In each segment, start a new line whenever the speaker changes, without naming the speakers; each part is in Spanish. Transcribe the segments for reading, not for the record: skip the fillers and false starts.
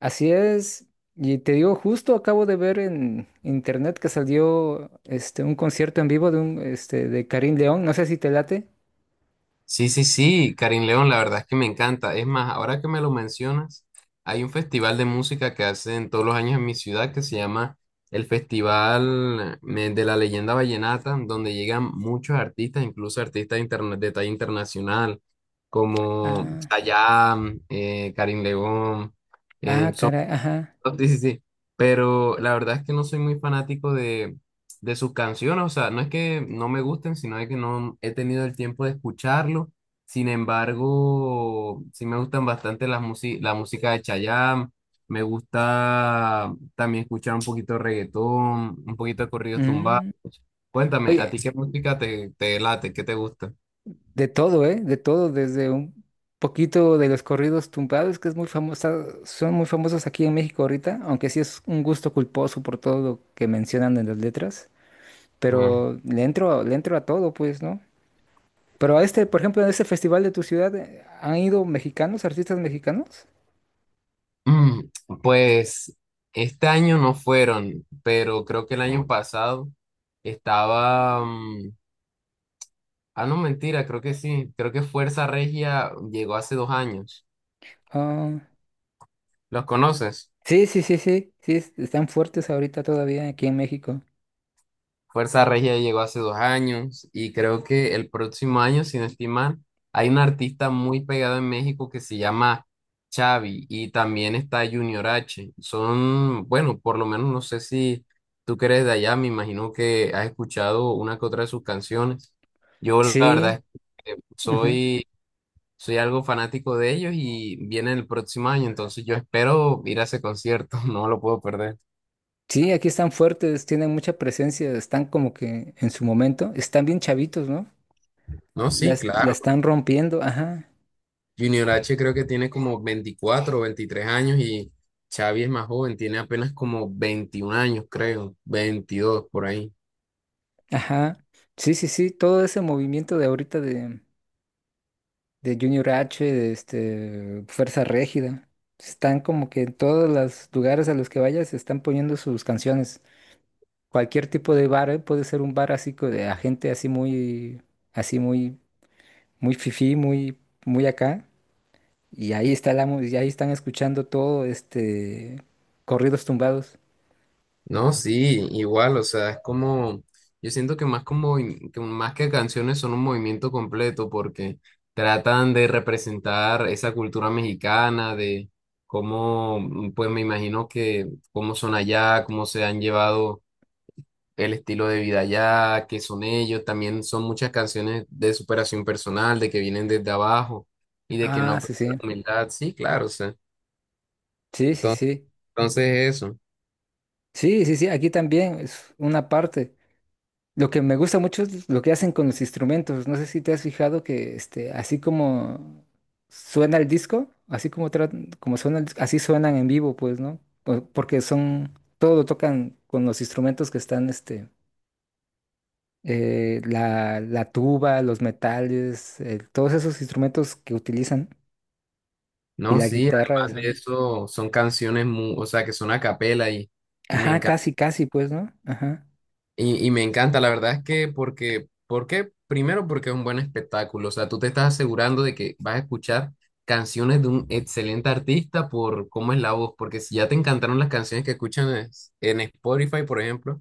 Así es. Y te digo, justo acabo de ver en internet que salió un concierto en vivo de un este de Karim León. No sé si te late.
Sí, sí, sí, Karim León, la verdad es que me encanta. Es más, ahora que me lo mencionas, hay un festival de música que hacen todos los años en mi ciudad que se llama el Festival de la Leyenda Vallenata, donde llegan muchos artistas, incluso artistas de talla internacional, como
Ah,
Chayanne, Karim León.
ah,
em,
caray, ajá.
Sí, sí, sí. Pero la verdad es que no soy muy fanático de sus canciones. O sea, no es que no me gusten, sino de que no he tenido el tiempo de escucharlo. Sin embargo, sí me gustan bastante las la música de Chayanne. Me gusta también escuchar un poquito de reggaetón, un poquito de corridos tumbados.
Mm.
Cuéntame, ¿a
Oye,
ti qué música te late? ¿Qué te gusta?
de todo, ¿eh? De todo, desde un poquito de los corridos tumbados, que es muy famosa, son muy famosos aquí en México ahorita, aunque sí es un gusto culposo por todo lo que mencionan en las letras. Pero le entro a todo, pues, ¿no? Pero a este, por ejemplo, a este festival de tu ciudad, ¿han ido mexicanos, artistas mexicanos?
Mm, Pues este año no fueron, pero creo que el año pasado estaba, ah, no, mentira, creo que sí. Creo que Fuerza Regia llegó hace 2 años.
Ah,
¿Los conoces?
sí, sí, sí, sí, sí, están fuertes ahorita todavía aquí en México.
Fuerza Regia llegó hace dos años y creo que el próximo año, sin estimar, hay un artista muy pegado en México que se llama Xavi y también está Junior H. Son, bueno, por lo menos no sé si tú que eres de allá, me imagino que has escuchado una que otra de sus canciones. Yo la
Sí,
verdad es que
ujú.
soy algo fanático de ellos y viene el próximo año, entonces yo espero ir a ese concierto, no lo puedo perder.
Sí, aquí están fuertes, tienen mucha presencia, están como que en su momento, están bien chavitos, ¿no?
No, sí,
La
claro.
están rompiendo, ajá,
Junior H creo que tiene como 24 o 23 años y Xavi es más joven, tiene apenas como 21 años, creo, 22 por ahí.
ajá. Sí, sí, sí, todo ese movimiento de ahorita de Junior H, de Fuerza Régida, están como que en todos los lugares a los que vayas están poniendo sus canciones. Cualquier tipo de bar, ¿eh? Puede ser un bar así de a gente así muy, muy fifí, muy, muy acá. Y ahí está y ahí están escuchando todo, corridos tumbados.
No, sí, igual, o sea, es como, yo siento que más como, que más que canciones son un movimiento completo porque tratan de representar esa cultura mexicana, de cómo, pues me imagino que cómo son allá, cómo se han llevado el estilo de vida allá, que son ellos. También son muchas canciones de superación personal, de que vienen desde abajo y de que no
Ah,
han
sí,
perdido la
sí.
humildad. Sí, claro, o sea.
Sí, sí,
Entonces,
sí.
entonces eso.
Sí, sí, sí, aquí también es una parte. Lo que me gusta mucho es lo que hacen con los instrumentos. No sé si te has fijado que así como suena el disco, así como, como suena el así suenan en vivo, pues, ¿no? Porque son, todo lo tocan con los instrumentos que están, la tuba, los metales, todos esos instrumentos que utilizan y
No,
la
sí,
guitarra
además
esa.
de eso, son canciones, o sea, que son a capela y me
Ajá,
encanta.
casi, casi, pues, ¿no? Ajá.
Y me encanta, la verdad es que porque, ¿por qué? Primero porque es un buen espectáculo, o sea, tú te estás asegurando de que vas a escuchar canciones de un excelente artista por cómo es la voz, porque si ya te encantaron las canciones que escuchan en Spotify, por ejemplo,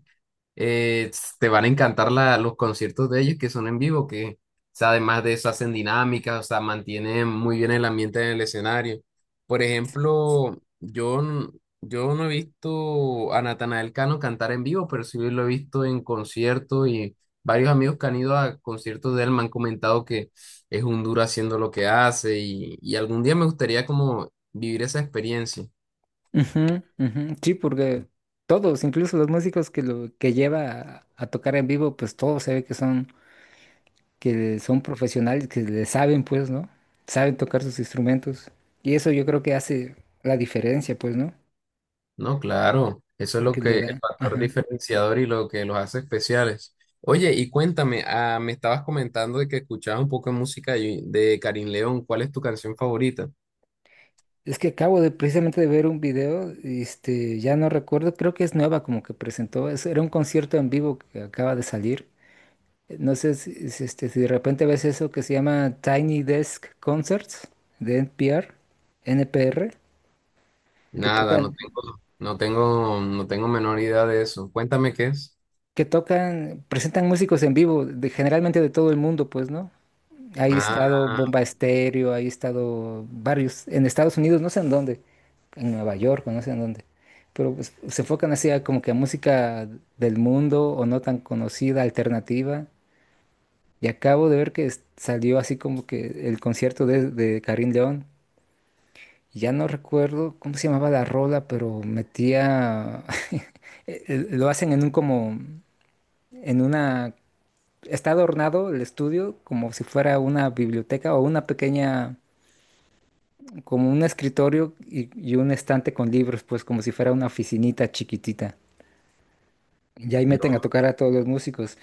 te van a encantar los conciertos de ellos que son en vivo, que o sea, además de eso hacen dinámicas, o sea, mantienen muy bien el ambiente en el escenario. Por ejemplo, yo no he visto a Natanael Cano cantar en vivo, pero sí lo he visto en conciertos y varios amigos que han ido a conciertos de él me han comentado que es un duro haciendo lo que hace y algún día me gustaría como vivir esa experiencia.
Ujú, ujú. Sí, porque todos, incluso los músicos que lo que lleva a tocar en vivo, pues todos se ve que son profesionales, que le saben, pues, ¿no? Saben tocar sus instrumentos. Y eso yo creo que hace la diferencia, pues, ¿no?
No, claro, eso es lo
Porque le
que el
da,
factor
ajá.
diferenciador y lo que los hace especiales. Oye, y cuéntame, ah, me estabas comentando de que escuchabas un poco de música de Karin León. ¿Cuál es tu canción favorita?
Es que acabo de precisamente de ver un video, ya no recuerdo, creo que es nueva como que presentó, era un concierto en vivo que acaba de salir. No sé si si de repente ves eso que se llama Tiny Desk Concerts de NPR, que
Nada, no
tocan,
tengo, no tengo, no tengo menor idea de eso. Cuéntame qué es.
que tocan, presentan músicos en vivo, de, generalmente de todo el mundo, pues, ¿no? Ahí ha
Ah,
estado Bomba Estéreo, ahí ha estado varios, en Estados Unidos, no sé en dónde, en Nueva York, o no sé en dónde, pero pues, se enfocan así a como que a música del mundo o no tan conocida, alternativa. Y acabo de ver que salió así como que el concierto de Karim León. Ya no recuerdo cómo se llamaba la rola, pero metía, lo hacen en un como, en una, está adornado el estudio como si fuera una biblioteca o una pequeña, como un escritorio y un estante con libros, pues como si fuera una oficinita chiquitita. Y ahí meten a tocar a todos los músicos.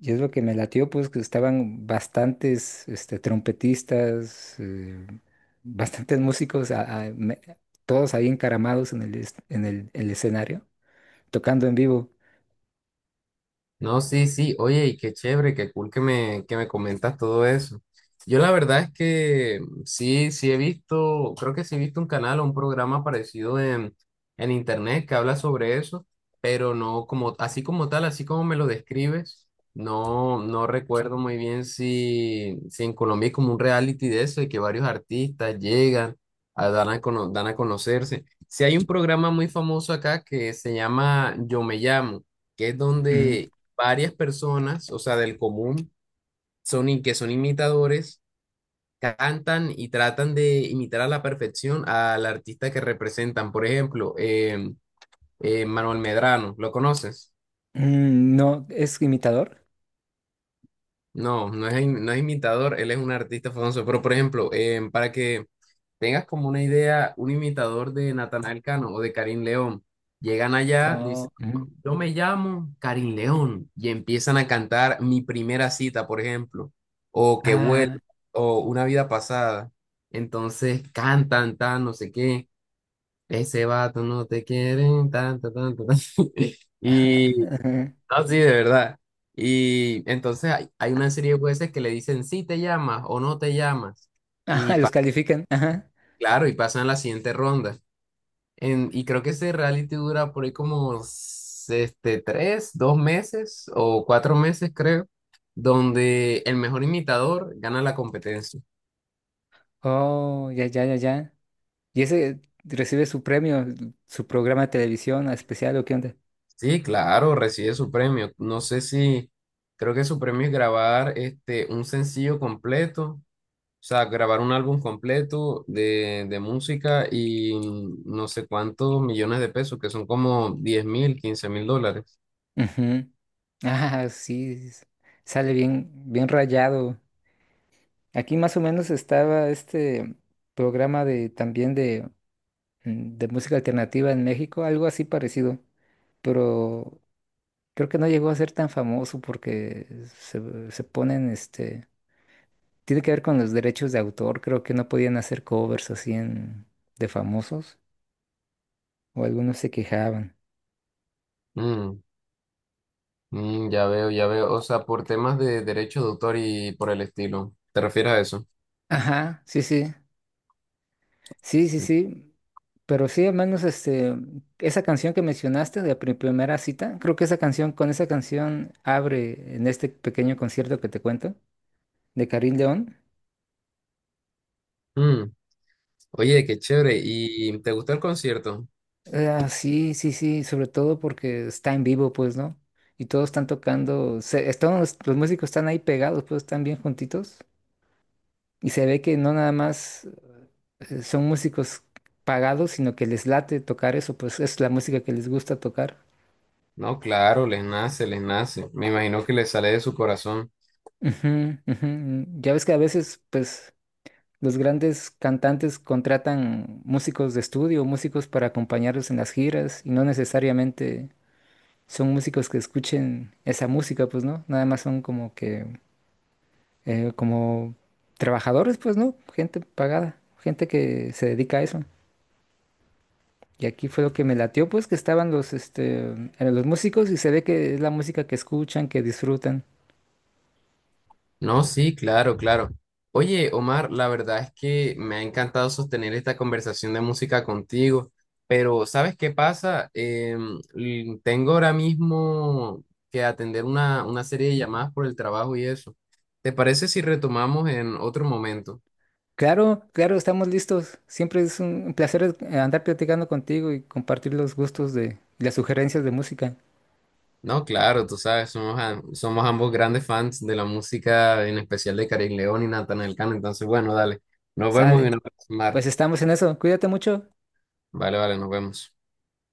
Y es lo que me latió, pues que estaban bastantes trompetistas, bastantes músicos, todos ahí encaramados en el escenario, tocando en vivo.
no, sí, sí, oye, y qué chévere, qué cool que me comentas todo eso. Yo la verdad es que sí, sí he visto, creo que sí he visto un canal o un programa parecido en internet que habla sobre eso, pero no como, así como tal, así como me lo describes, no, no recuerdo muy bien si en Colombia es como un reality de eso, de que varios artistas llegan, a, dan a, cono- dan a conocerse. Si hay un programa muy famoso acá que se llama Yo Me Llamo, que es
Ujú.
donde varias personas, o sea, del común, son que son imitadores, cantan y tratan de imitar a la perfección al artista que representan. Por ejemplo, Manuel Medrano, ¿lo conoces?
Mm, no, ¿es imitador?
No, no es imitador, él es un artista famoso, pero por ejemplo, para que tengas como una idea, un imitador de Natanael Cano o de Karim León. Llegan allá,
Oh,
dicen,
ujú.
yo me llamo Karim León, y empiezan a cantar Mi primera cita, por ejemplo, o Que huele,
Ah,
o Una vida pasada. Entonces cantan, tan, no sé qué, ese vato no te quieren, tan, tan, tan, tan, tan. Y,
ujú.
no, sí, de verdad. Y entonces hay una serie de jueces que le dicen si te llamas o no te llamas.
Ajá,
Y
ajá, los
pa-
califican. Ajá.
claro, y pasan a la siguiente ronda. Y creo que ese reality dura por ahí como 3, 2 meses o 4 meses, creo, donde el mejor imitador gana la competencia.
Oh, ya, ya, ya, ya. Y ese recibe su premio, su programa de televisión especial, ¿o qué onda?
Sí, claro, recibe su premio. No sé si, creo que su premio es grabar un sencillo completo, o sea, grabar un álbum completo de música y no sé cuántos millones de pesos, que son como 10.000, 15.000 dólares.
Ujú. Ah, sí, sale bien, bien rayado. Aquí más o menos estaba este programa de también de música alternativa en México, algo así parecido, pero creo que no llegó a ser tan famoso porque se ponen, tiene que ver con los derechos de autor, creo que no podían hacer covers así en, de famosos, o algunos se quejaban.
Mm. Ya veo, ya veo. O sea, por temas de derecho de autor y por el estilo. ¿Te refieres a eso?
Ajá, sí, sí. Sí, sí, sí. Pero sí, al menos esa canción que mencionaste de primera cita, creo que esa canción, con esa canción abre en este pequeño concierto que te cuento, de Karim León.
Mm, Oye, qué chévere. ¿Y te gustó el concierto?
Ah, sí, sí, sí, sobre todo porque está en vivo, pues, ¿no? Y todos están tocando, todos los músicos están ahí pegados, pues están bien juntitos. Y se ve que no nada más son músicos pagados, sino que les late tocar eso, pues es la música que les gusta tocar.
No, claro, les nace, les nace. Me imagino que les sale de su corazón.
Ujú, ujú. Ya ves que a veces, pues, los grandes cantantes contratan músicos de estudio, músicos para acompañarlos en las giras, y no necesariamente son músicos que escuchen esa música, pues, ¿no? Nada más son como que, como trabajadores, pues, ¿no? Gente pagada, gente que se dedica a eso. Y aquí fue lo que me latió, pues, que estaban los, los músicos y se ve que es la música que escuchan, que disfrutan.
No, sí, claro, claro. Oye, Omar, la verdad es que me ha encantado sostener esta conversación de música contigo, pero ¿sabes qué pasa? Tengo ahora mismo que atender una serie de llamadas por el trabajo y eso. ¿Te parece si retomamos en otro momento?
Claro, claro, estamos listos. Siempre es un placer andar platicando contigo y compartir los gustos de las sugerencias de música.
No, claro, tú sabes, somos ambos grandes fans de la música, en especial de Carin León y Natanael Cano, entonces bueno, dale, nos vemos en
Sale.
una próxima. Omar.
Pues estamos en eso. Cuídate mucho.
Vale, vale, nos vemos.